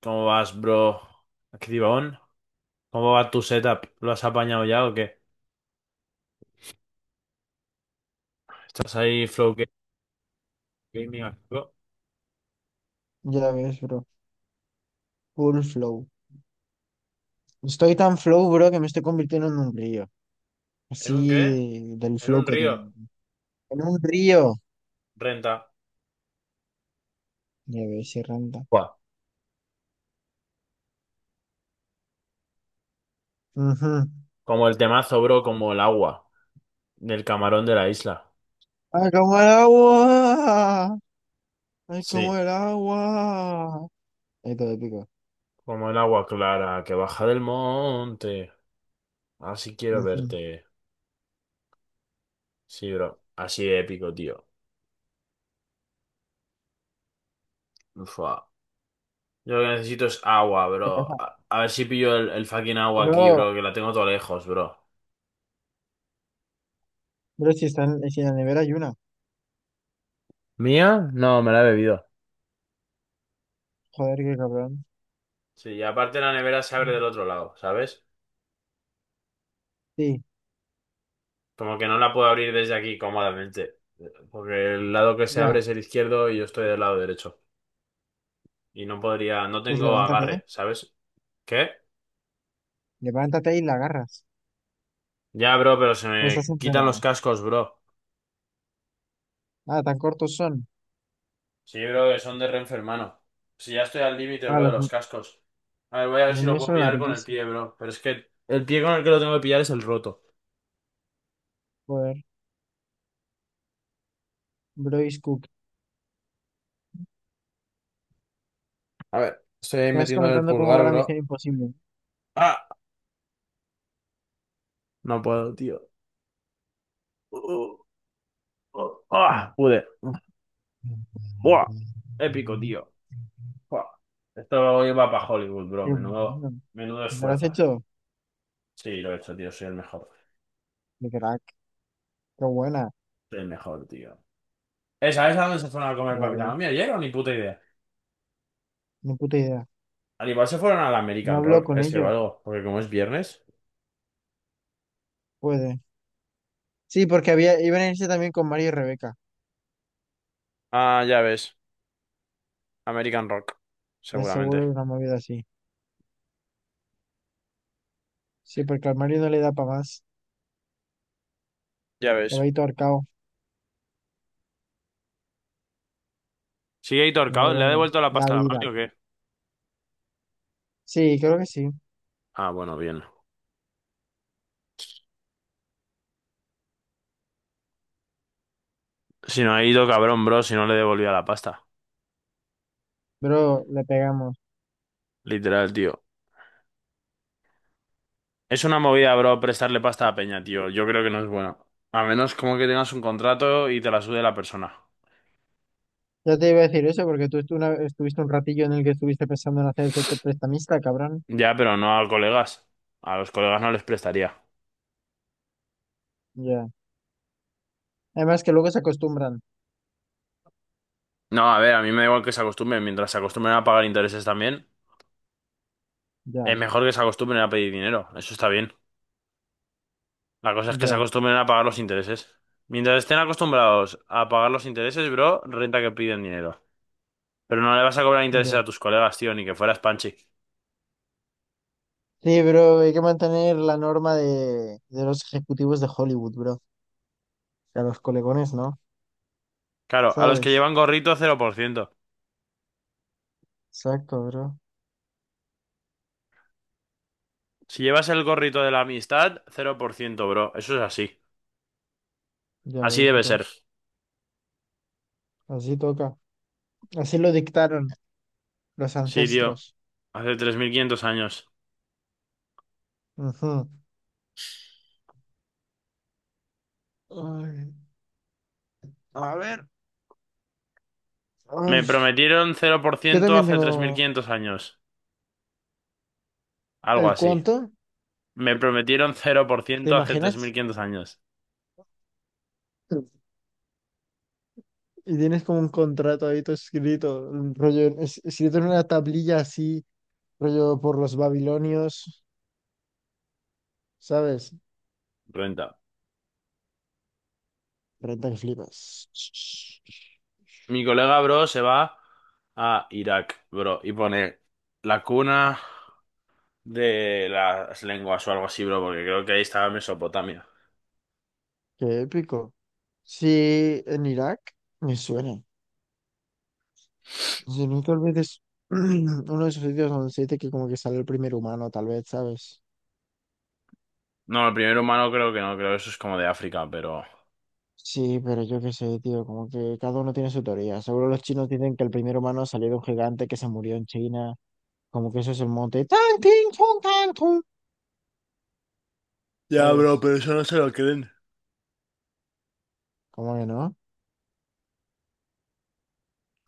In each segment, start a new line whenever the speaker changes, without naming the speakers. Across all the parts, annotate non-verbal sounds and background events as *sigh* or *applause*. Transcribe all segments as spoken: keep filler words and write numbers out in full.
¿Cómo vas, bro? Activón. ¿Cómo va tu setup? ¿Lo has apañado ya o qué? ¿Estás ahí Flow Ga- Gaming activo?
Ya ves, bro. Full flow. Estoy tan flow, bro, que me estoy convirtiendo en un río.
¿En un
Así
qué?
de- del
¿En
flow
un
que tengo.
río?
En un río.
Renta.
Ya ves, se renta.
Buah.
Ujú.
Como el temazo, bro, como el agua del camarón de la isla.
¡Ay, como el agua! ¡Ay, como
Sí,
el agua! Ahí todo épico.
como el agua clara que baja del monte. Así quiero
Ujú.
verte. Sí, bro. Así de épico, tío. Ufa. Yo lo que necesito es agua,
¿Qué
bro.
pasa?
A, a ver si pillo el, el fucking agua aquí,
Bro,
bro, que la tengo todo lejos, bro.
bro, si están, si en la nevera hay una.
¿Mía? No, me la he bebido.
Joder, qué cabrón.
Sí, y aparte la nevera se abre del otro lado, ¿sabes?
Sí,
Como que no la puedo abrir desde aquí cómodamente, porque el lado que se abre
ya.
es el izquierdo y yo estoy del lado derecho. Y no podría, no
Pues
tengo
levántate, ¿eh?
agarre, ¿sabes? ¿Qué?
Levántate y la agarras.
Ya, bro, pero se
O estás
me quitan
enredado.
los cascos, bro.
Ah, tan cortos son.
Sí, bro, que son de Renfe, hermano. Si ya estoy al límite,
Ah,
bro, de
los,
los cascos. A ver, voy a ver
los
si lo
míos
puedo
son
pillar con el
larguísimos.
pie, bro. Pero es que el pie con el que lo tengo que pillar es el roto.
Joder. Brois Cook.
A ver, estoy ahí
Me vas
metiéndole el
comentando cómo
pulgar,
va la misión
bro.
imposible.
¡Ah! No puedo, tío. Uh, uh, uh, ah, pude. Buah, épico, tío. Buah. Esto iba para Hollywood, bro.
Qué
Menudo,
bueno.
menudo
¿Me lo has
esfuerzo.
hecho?
Sí, lo he hecho, tío. Soy el mejor.
Qué crack. Qué buena.
Soy el mejor, tío. ¿Eh? ¿Sabes a dónde se fueron a comer
Ya
papita
ves.
mami ayer o ni puta idea?
Ni puta idea.
Al igual se fueron al
No
American
habló
Rock,
con
ese o
ellos.
algo, porque como es viernes.
Puede. Sí, porque había, iban a irse también con Mario y Rebeca.
Ah, ya ves. American Rock.
Es seguro
Seguramente.
una movida así. Sí, porque al Mario no le da para más.
Ya
Le va a
ves.
ir todo arcao.
¿Sigue ahí
Pero
torcado? ¿Le ha
bueno.
devuelto la
La
pasta a la mami
vida.
o qué?
Sí, creo que sí.
Ah, bueno, bien. Si no ha ido, cabrón, bro, si no le devolvía la pasta.
Bro, le pegamos.
Literal, tío. Es una movida, bro, prestarle pasta a Peña, tío. Yo creo que no es bueno. A menos como que tengas un contrato y te la sude la persona.
Ya te iba a decir eso porque tú estu- una- estuviste un ratillo en el que estuviste pensando en hacerte prestamista, cabrón.
Ya, pero no a colegas. A los colegas no les prestaría.
Ya. Además que luego se acostumbran.
No, a ver, a mí me da igual que se acostumbren. Mientras se acostumbren a pagar intereses también, es
Ya,
mejor que se acostumbren a pedir dinero. Eso está bien. La cosa es que se
ya,
acostumbren a pagar los intereses. Mientras estén acostumbrados a pagar los intereses, bro, renta que piden dinero. Pero no le vas a cobrar intereses
ya.
a tus colegas, tío, ni que fueras Panchi.
Sí, bro, hay que mantener la norma de, de los ejecutivos de Hollywood, bro. Y a los colegones, ¿no?
Claro, a los que
¿Sabes?
llevan gorrito, cero por ciento.
Exacto, bro.
Si llevas el gorrito de la amistad, cero por ciento, bro. Eso es así.
Ya
Así
ves,
debe
bro.
ser.
Así toca. Así lo dictaron los
Sí, tío.
ancestros.
Hace tres mil quinientos años.
Ujú. Ay, a ver.
Me
Ay,
prometieron cero por
yo
ciento
también
hace tres mil
tengo
quinientos años. Algo
el
así.
cuánto.
Me prometieron cero por
¿Te
ciento hace tres mil
imaginas?
quinientos años.
Y tienes como un contrato ahí todo escrito, un rollo, es- escrito en una tablilla así, rollo por los babilonios. ¿Sabes?
Renta.
Renta que flipas.
Mi colega, bro, se va a Irak, bro, y pone la cuna de las lenguas o algo así, bro, porque creo que ahí estaba Mesopotamia.
Qué épico. Sí, en Irak me suena. Si no, tal vez es *clears throat* uno de esos sitios donde se dice que como que sale el primer humano, tal vez, ¿sabes?
No, el primer humano creo que no, creo que eso es como de África, pero...
Sí, pero yo qué sé, tío, como que cada uno tiene su teoría. Seguro los chinos dicen que el primer humano salió de un gigante que se murió en China. Como que eso es el monte. Tan, tin, tun, tan, tun,
Ya, bro,
¿sabes?
pero eso no se lo creen.
¿Cómo que no?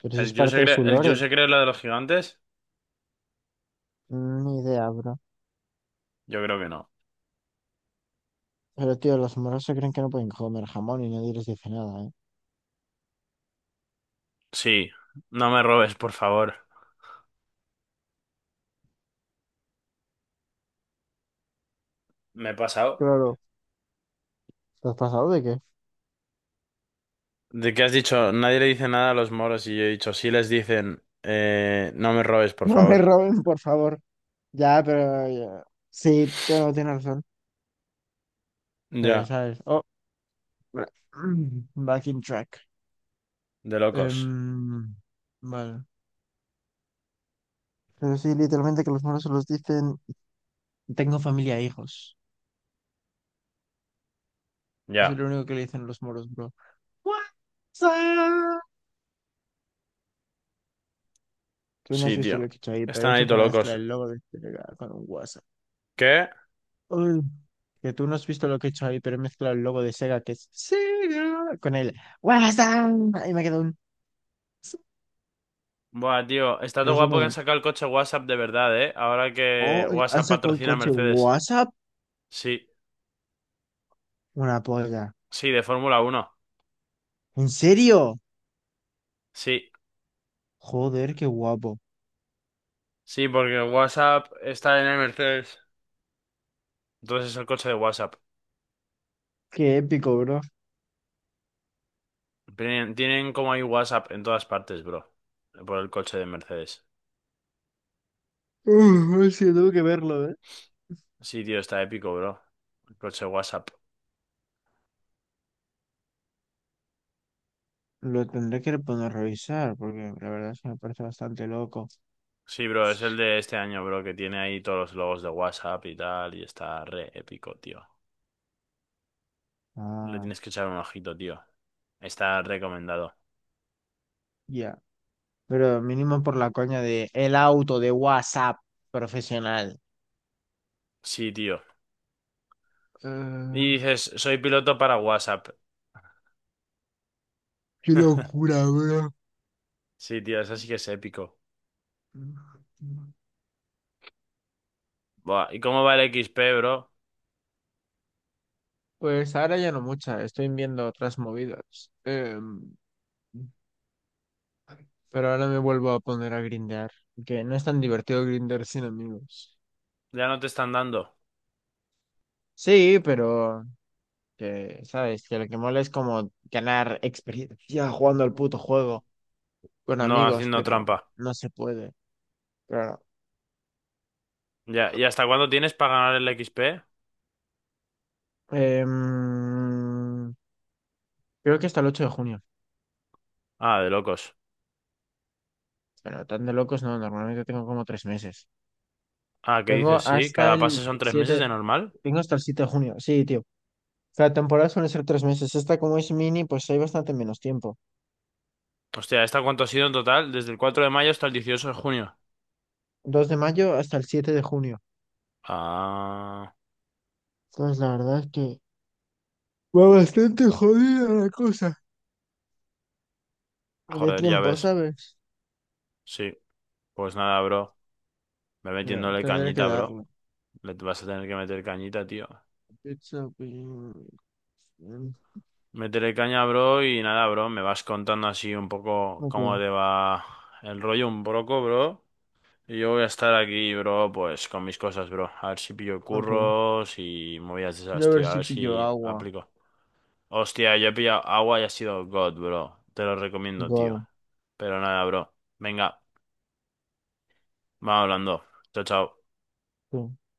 Pero si
¿El
es
yo se
parte de
cree,
su
el yo
lore.
se cree la de los gigantes?
Mm, ni idea, bro.
Yo creo que no.
Pero tío, los moros se creen que no pueden comer jamón y nadie les dice nada, ¿eh?
Sí, no me robes, por favor. Me he pasado.
Claro. ¿Estás pasado de qué?
¿De qué has dicho? Nadie le dice nada a los moros y yo he dicho, sí les dicen, eh, no me robes, por
No me
favor.
roben, por favor. Ya, pero... ya. Sí, bueno, tienes razón. Pero,
Ya,
¿sabes? Oh, bra- *clears throat* back in track.
de locos.
Em, vale. Pero sí, literalmente que los moros se los dicen... Tengo familia e hijos. Eso
Ya,
es lo único que le dicen los moros, bro. What's up? Tú no has
sí,
visto
tío.
lo que he hecho ahí, pero he
Están ahí
hecho como
todos
una mezcla
locos.
del logo de Telegram con un WhatsApp.
¿Qué?
Uy, que tú no has visto lo que he hecho ahí, pero he mezclado el logo de Sega, que es Sega, con el WhatsApp. Y me quedó un
Buah, tío, está todo guapo que han
resumen.
sacado el coche WhatsApp de verdad, ¿eh? Ahora que
Oh, han
WhatsApp
sacado el
patrocina a
coche
Mercedes.
WhatsApp.
Sí,
Una polla.
sí, de Fórmula uno.
¿En serio?
Sí,
Joder, qué guapo.
sí, porque WhatsApp está en el Mercedes. Entonces es el coche de WhatsApp.
Qué épico, bro.
Tienen, tienen como hay WhatsApp en todas partes, bro. Por el coche de Mercedes.
Uh, sí, tengo que verlo, ¿eh?
Sí, tío, está épico, bro. El coche WhatsApp.
Lo tendré que poner a revisar, porque la verdad es que me parece bastante loco.
Sí, bro, es el de este año, bro, que tiene ahí todos los logos de WhatsApp y tal, y está re épico, tío. Le
Ah,
tienes que echar un ojito, tío. Está recomendado.
ya. Pero mínimo por la coña de el auto de WhatsApp profesional.
Sí, tío.
Eh,
Y dices, soy piloto para WhatsApp.
qué
*laughs*
locura, bro.
Sí, tío, eso sí que es épico. Buah, ¿y cómo va el X P, bro?
Pues ahora ya no mucha, estoy viendo otras movidas. Em, pero ahora me vuelvo a poner a grindear, que no es tan divertido grindear sin amigos.
Ya no te están dando.
Sí, pero que, sabes, que lo que mola es como ganar experiencia jugando al puto juego con
No,
amigos,
haciendo
pero
trampa.
no se puede. Claro.
Ya, ¿y hasta cuándo tienes para ganar el X P?
Em, creo que hasta el ocho de junio,
Ah, de locos.
pero tan de locos no, normalmente tengo como tres meses.
Ah, ¿qué
Tengo
dices? Sí,
hasta
cada pase
el
son tres meses
siete,
de normal.
tengo hasta el siete de junio, sí, tío. La temporada suele ser tres meses. Esta, como es mini, pues hay bastante menos tiempo.
Hostia, ¿esta cuánto ha sido en total? Desde el cuatro de mayo hasta el dieciocho de junio.
Dos de mayo hasta el siete de junio.
Ah,
Entonces, la verdad es que va bastante jodida la cosa. De
joder, ya
tiempo,
ves.
¿sabes?
Sí, pues nada, bro. Ve
Ya,
metiéndole
tendré que
cañita, bro.
darle.
Le vas a tener que meter cañita, tío.
Pizza, pi- mm,
Métele caña, bro, y nada, bro. Me vas contando así un poco cómo
ok,
te va el rollo un poco, bro. Y yo voy a estar aquí, bro, pues con mis cosas, bro. A ver si pillo
ok.
curros y movidas de
Voy
esas,
a ver
tío. A
si
ver
pillo
si
agua.
aplico. Hostia, yo he pillado agua y ha sido God, bro. Te lo recomiendo, tío.
God,
Pero nada, bro. Venga, vamos hablando. Chao, chao.
sí.